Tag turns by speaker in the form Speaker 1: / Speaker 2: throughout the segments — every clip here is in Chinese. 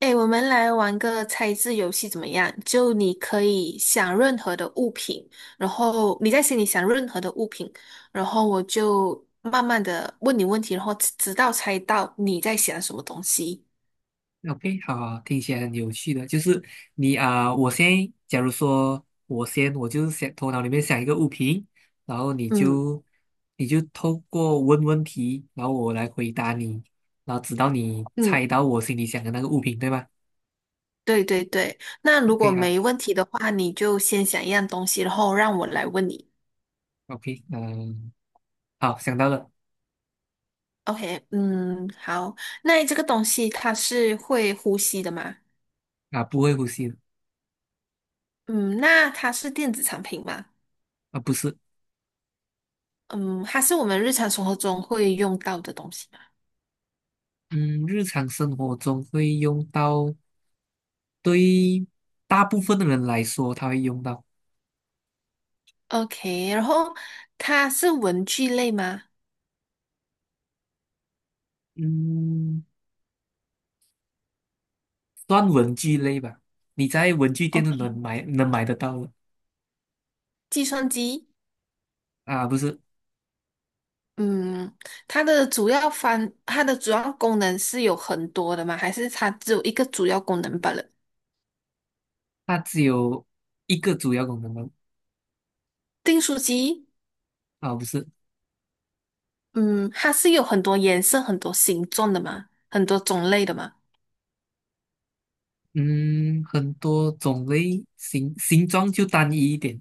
Speaker 1: 哎，我们来玩个猜字游戏怎么样？就你可以想任何的物品，然后你在心里想任何的物品，然后我就慢慢的问你问题，然后直到猜到你在想什么东西。
Speaker 2: OK，好，听起来很有趣的。就是你啊、我先，假如说我先，我就是想头脑里面想一个物品，然后你
Speaker 1: 嗯
Speaker 2: 就你就透过问问题，然后我来回答你，然后直到你
Speaker 1: 嗯，
Speaker 2: 猜到我心里想的那个物品，对吗？
Speaker 1: 对对对。那
Speaker 2: o
Speaker 1: 如果
Speaker 2: k 好
Speaker 1: 没问题的话，你就先想一样东西，然后让我来问你。
Speaker 2: ，OK，好，想到了。
Speaker 1: OK，嗯，好。那这个东西它是会呼吸的吗？
Speaker 2: 啊，不会呼吸的。
Speaker 1: 嗯，那它是电子产品吗？
Speaker 2: 啊，不是。
Speaker 1: 嗯，它是我们日常生活中会用到的东西嘛。
Speaker 2: 嗯，日常生活中会用到，对大部分的人来说，他会用到。
Speaker 1: OK，然后它是文具类吗
Speaker 2: 嗯。算文具类吧，你在文具店都能
Speaker 1: ？OK，
Speaker 2: 买能买得到的。
Speaker 1: 计算机，
Speaker 2: 啊，不是。
Speaker 1: 嗯，它的主要功能是有很多的吗？还是它只有一个主要功能罢了？
Speaker 2: 它只有一个主要功能吗？
Speaker 1: 订书机，
Speaker 2: 啊，不是。
Speaker 1: 嗯，它是有很多颜色、很多形状的嘛，很多种类的嘛。
Speaker 2: 嗯，很多种类，形状就单一一点，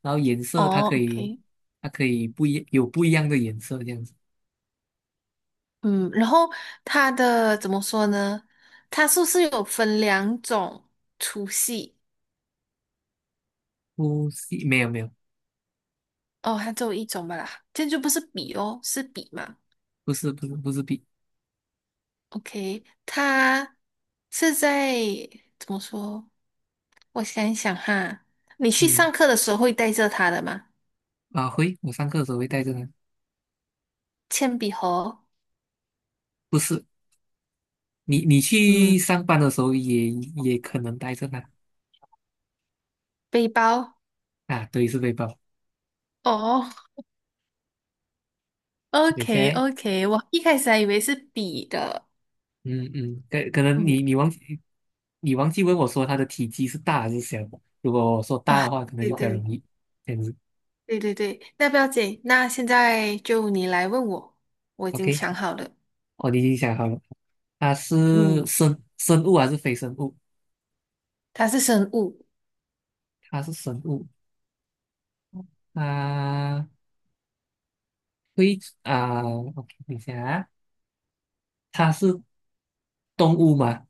Speaker 2: 然后颜色它
Speaker 1: 哦
Speaker 2: 可以
Speaker 1: ，OK，
Speaker 2: 它可以不一有不一样的颜色这样子。
Speaker 1: 嗯，然后它的怎么说呢？它是不是有分两种粗细？
Speaker 2: 不是,没有没有，
Speaker 1: 哦，它只有一种吧啦，这样就不是笔哦，是笔嘛
Speaker 2: 不是,不是笔。
Speaker 1: ？OK，它是在怎么说？我想一想哈，你去
Speaker 2: 嗯，
Speaker 1: 上课的时候会带着它的吗？
Speaker 2: 啊会，我上课的时候会带着它。
Speaker 1: 铅笔盒，
Speaker 2: 不是，你去
Speaker 1: 嗯，
Speaker 2: 上班的时候也也可能带着它。
Speaker 1: 背包。
Speaker 2: 啊，对，是背包。
Speaker 1: 哦
Speaker 2: 对，现
Speaker 1: ，OK
Speaker 2: 在
Speaker 1: OK，我一开始还以为是笔的。
Speaker 2: 嗯嗯，可能
Speaker 1: 嗯，
Speaker 2: 你忘记，你忘记问我说它的体积是大还是小了？如果我说大的话，可能
Speaker 1: 对
Speaker 2: 就比较
Speaker 1: 对
Speaker 2: 容易这样子。
Speaker 1: 对对对，那不要紧，那现在就你来问我，我已经
Speaker 2: OK，
Speaker 1: 想好了。
Speaker 2: 哦，你已经想好了，它
Speaker 1: 嗯，
Speaker 2: 是生物还是非生物？
Speaker 1: 它是生物，
Speaker 2: 它是生物。啊啊，OK，等一下啊，它是动物嘛？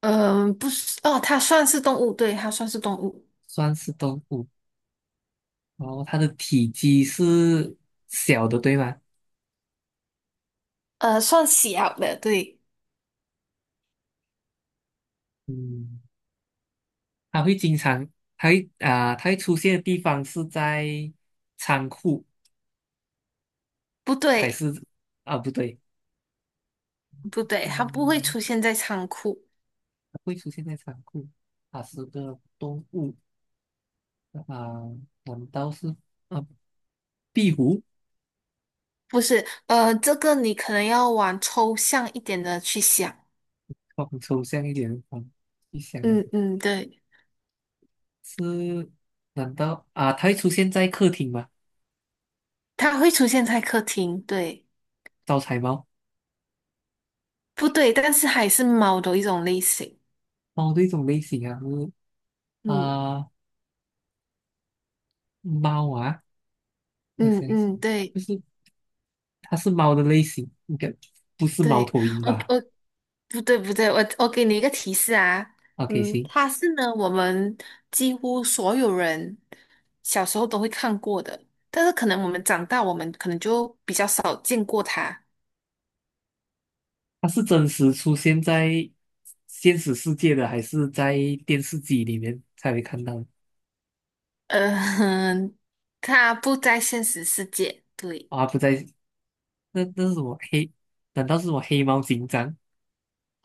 Speaker 1: 嗯，不是，哦，它算是动物，对，它算是动物。
Speaker 2: 算是动物。然后它的体积是小的，对吗？
Speaker 1: 算小的，对，
Speaker 2: 嗯，它会经常，它会啊、它会出现的地方是在仓库。
Speaker 1: 不
Speaker 2: 还
Speaker 1: 对，
Speaker 2: 是啊不对。
Speaker 1: 不对，它不会
Speaker 2: 嗯，
Speaker 1: 出现在仓库，
Speaker 2: 它会出现在仓库，它是个动物啊，难道是啊壁虎？
Speaker 1: 不是，这个你可能要往抽象一点的去想，
Speaker 2: 往抽象一点往一想啊，
Speaker 1: 嗯嗯，对，
Speaker 2: 是难道啊它会出现在客厅吗？
Speaker 1: 它会出现在客厅，对，
Speaker 2: 招财猫。
Speaker 1: 不对，但是还是猫的一种类型，
Speaker 2: 猫的一种类型啊，是
Speaker 1: 嗯
Speaker 2: 啊猫啊。我
Speaker 1: 嗯
Speaker 2: 想一想，
Speaker 1: 嗯，对。
Speaker 2: 就是它是猫的类型，应该不是猫
Speaker 1: 对，
Speaker 2: 头鹰
Speaker 1: 我
Speaker 2: 吧
Speaker 1: 我不对不对，我给你一个提示啊，
Speaker 2: ？OK，
Speaker 1: 嗯，
Speaker 2: 行。
Speaker 1: 他是呢我们几乎所有人小时候都会看过的，但是可能我们长大，我们可能就比较少见过它。
Speaker 2: 它是真实出现在现实世界的，还是在电视机里面才会看到的？
Speaker 1: 呃，他不在现实世界，对，
Speaker 2: 啊，不在。那那是什么黑？难道是我黑猫警长？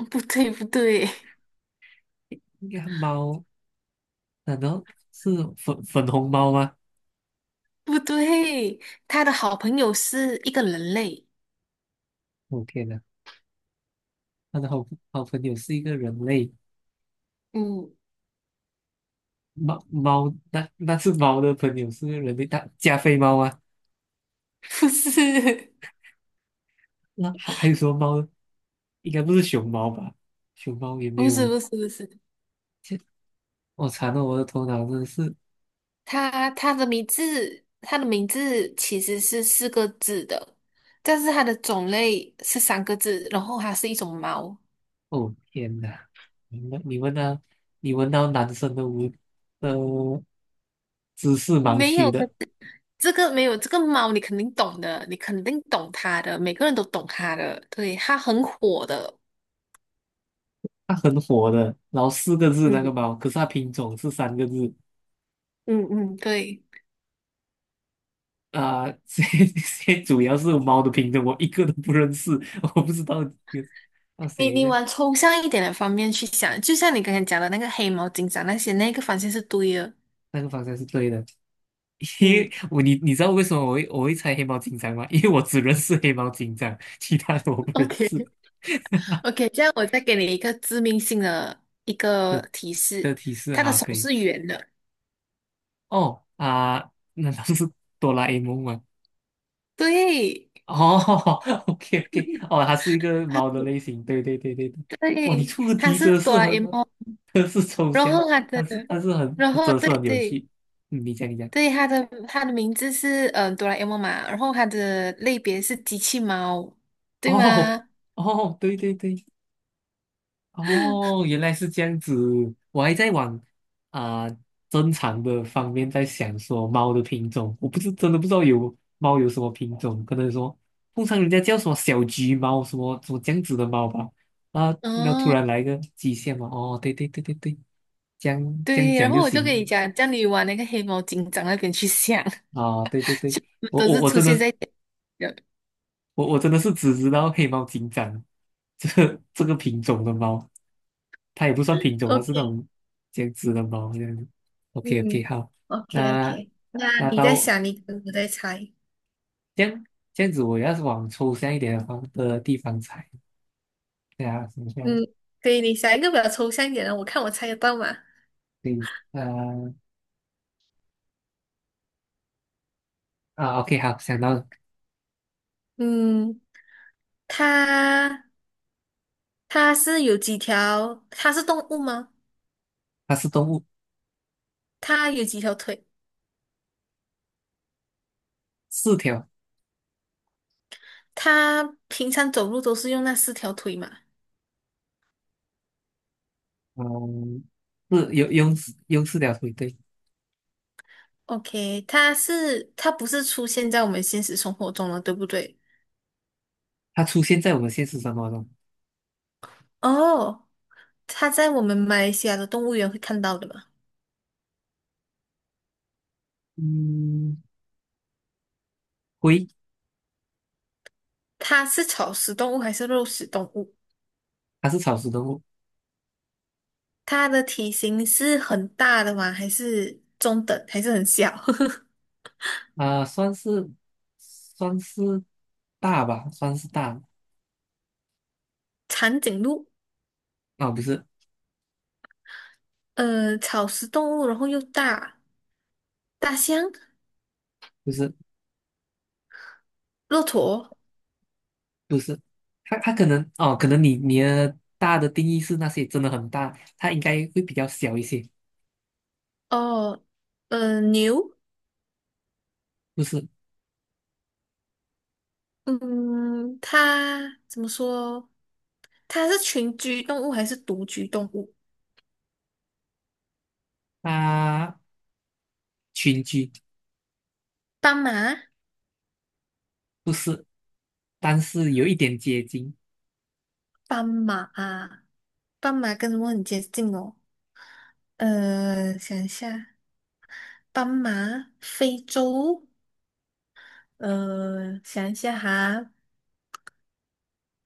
Speaker 1: 不对不对
Speaker 2: 应该猫？难道是粉红猫吗？
Speaker 1: 不对，他的好朋友是一个人类，
Speaker 2: 我、天呐，他的好朋友是一个人类，
Speaker 1: 嗯，
Speaker 2: 猫猫那那是猫的朋友是个人类，大加菲猫啊？
Speaker 1: 不是
Speaker 2: 那还有什么猫呢，应该不是熊猫吧？熊猫也 没
Speaker 1: 不是
Speaker 2: 有。
Speaker 1: 不是不是，
Speaker 2: 切，我惨了，我的头脑真的是。
Speaker 1: 他的名字，他的名字其实是四个字的，但是它的种类是三个字，然后它是一种猫。
Speaker 2: 哦天哪！你们你闻到，你闻到男生的无的知识盲
Speaker 1: 没
Speaker 2: 区
Speaker 1: 有
Speaker 2: 的。
Speaker 1: 没有这个猫，你肯定懂的，你肯定懂它的，每个人都懂它的，对，它很火的。
Speaker 2: 他很火的，然后四个字那个
Speaker 1: 嗯
Speaker 2: 猫，可是它品种是三个字
Speaker 1: 嗯嗯，对
Speaker 2: 啊。这 谁主要是猫的品种，我一个都不认识，我不知道那
Speaker 1: 你，
Speaker 2: 谁一
Speaker 1: 你
Speaker 2: 下
Speaker 1: 往抽象一点的方面去想，就像你刚才讲的那个黑猫警长那些，那个方向是对的。
Speaker 2: 那个方向是对的。因为
Speaker 1: 嗯，
Speaker 2: 我你知道为什么我会猜黑猫警长吗？因为我只认识黑猫警长，其他的我不认识
Speaker 1: OK，OK，这样我再给你一个致命性的一个
Speaker 2: 的
Speaker 1: 提
Speaker 2: 的
Speaker 1: 示，
Speaker 2: 提示
Speaker 1: 他的
Speaker 2: 好
Speaker 1: 手
Speaker 2: 可以。
Speaker 1: 是圆的，
Speaker 2: 哦啊，难道是哆啦 A 梦吗？
Speaker 1: 对
Speaker 2: 哦 ，OK OK，哦，它是一个猫的类型，对对对对对。哇，你
Speaker 1: 对，
Speaker 2: 出的
Speaker 1: 他
Speaker 2: 题
Speaker 1: 是
Speaker 2: 真的
Speaker 1: 哆
Speaker 2: 是
Speaker 1: 啦 A
Speaker 2: 很，
Speaker 1: 梦，
Speaker 2: 真的是抽
Speaker 1: 然
Speaker 2: 象，
Speaker 1: 后他
Speaker 2: 但
Speaker 1: 的，
Speaker 2: 是但是很，
Speaker 1: 然后
Speaker 2: 真的是
Speaker 1: 对
Speaker 2: 很有
Speaker 1: 对
Speaker 2: 趣。嗯，你讲。
Speaker 1: 对，他的名字是哆啦 A 梦嘛，然后他的类别是机器猫，对
Speaker 2: 哦
Speaker 1: 吗？
Speaker 2: 哦，对对对。哦，原来是这样子，我还在往啊、正常的方面在想说猫的品种，我不是真的不知道有猫有什么品种，可能说通常人家叫什么小橘猫，什么什么这样子的猫吧。啊，那突
Speaker 1: 嗯，
Speaker 2: 然来一个极限嘛，哦，对对对对对，这样这样
Speaker 1: 对，然
Speaker 2: 讲就
Speaker 1: 后我就跟你
Speaker 2: 行。
Speaker 1: 讲，叫你往那个黑猫警长那边去想，
Speaker 2: 啊，对对 对，
Speaker 1: 就
Speaker 2: 我
Speaker 1: 都
Speaker 2: 我
Speaker 1: 是
Speaker 2: 我
Speaker 1: 出
Speaker 2: 真的，
Speaker 1: 现在人
Speaker 2: 我真的是只知道黑猫警长 这个品种的猫。它也不算品种，它是那
Speaker 1: OK，
Speaker 2: 种这样子的猫这样子。OK OK，
Speaker 1: 嗯
Speaker 2: 好。
Speaker 1: ，OK
Speaker 2: 那
Speaker 1: OK，那
Speaker 2: 那
Speaker 1: 你在
Speaker 2: 到
Speaker 1: 想，你我在猜。
Speaker 2: 这样这样子，我要是往抽象一点的方的地方猜，对啊，想象
Speaker 1: 嗯，对，你想一个比较抽象一点的，我看我猜得到吗？
Speaker 2: 对，啊，OK，好，想到了。
Speaker 1: 嗯，它它是有几条？它是动物吗？
Speaker 2: 它是动物。
Speaker 1: 它有几条腿？
Speaker 2: 四条。
Speaker 1: 它平常走路都是用那四条腿嘛
Speaker 2: 嗯，是有用用四条腿，对。
Speaker 1: ？OK，它不是出现在我们现实生活中了，对不对？
Speaker 2: 它出现在我们现实生活中。
Speaker 1: 哦，它在我们马来西亚的动物园会看到的嘛？
Speaker 2: 嗯，龟。
Speaker 1: 它是草食动物还是肉食动物？
Speaker 2: 它是草食动物。
Speaker 1: 它的体型是很大的吗？还是中等？还是很小？
Speaker 2: 啊、算是算是大吧，算是大。
Speaker 1: 长颈鹿？
Speaker 2: 啊、不是。
Speaker 1: 草食动物，然后又大，大象、
Speaker 2: 不是
Speaker 1: 骆驼，
Speaker 2: 不是。他他可能哦，可能你你的大的定义是那些真的很大，它应该会比较小一些。
Speaker 1: 哦，牛，
Speaker 2: 不是？
Speaker 1: 嗯，它怎么说？它是群居动物还是独居动物？
Speaker 2: 它群居。
Speaker 1: 斑马，
Speaker 2: 不是，但是有一点接近。
Speaker 1: 斑马啊，斑马跟什么很接近哦？想一下，斑马，非洲，想一下哈，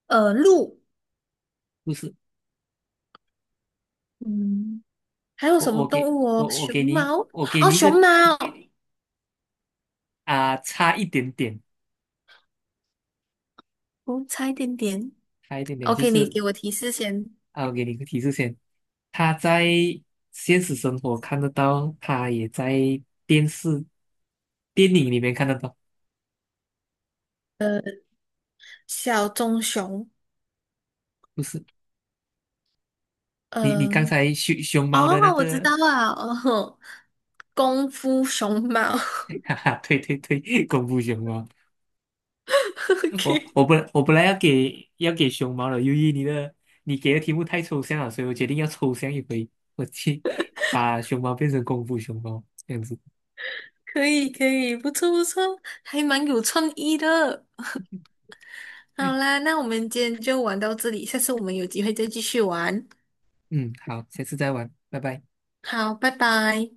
Speaker 1: 鹿，
Speaker 2: 不是？
Speaker 1: 嗯，还有
Speaker 2: 我
Speaker 1: 什么
Speaker 2: 我
Speaker 1: 动
Speaker 2: 给
Speaker 1: 物哦？
Speaker 2: 我我
Speaker 1: 熊
Speaker 2: 给你
Speaker 1: 猫，
Speaker 2: 我给
Speaker 1: 哦，
Speaker 2: 你一
Speaker 1: 熊
Speaker 2: 个，
Speaker 1: 猫。
Speaker 2: 啊、差一点点。
Speaker 1: 哦，差一点点。
Speaker 2: 差一点点就
Speaker 1: OK，你
Speaker 2: 是
Speaker 1: 给我提示先。
Speaker 2: 啊，我给你一个提示先，他在现实生活看得到，他也在电视电影里面看得到。
Speaker 1: 小棕熊，
Speaker 2: 不是？你你刚
Speaker 1: 嗯、
Speaker 2: 才熊熊猫的那
Speaker 1: 哦，我知
Speaker 2: 个。
Speaker 1: 道了，哦，功夫熊猫。
Speaker 2: 哈哈，对对对，功夫熊猫。我
Speaker 1: OK，
Speaker 2: 我本我本来要给要给熊猫了，由于你的你给的题目太抽象了，所以我决定要抽象一回，我去把熊猫变成功夫熊猫这样子。
Speaker 1: 可以可以，不错不错，还蛮有创意的。好啦，那我们今天就玩到这里，下次我们有机会再继续玩。
Speaker 2: 嗯，好，下次再玩，拜拜。
Speaker 1: 好，拜拜。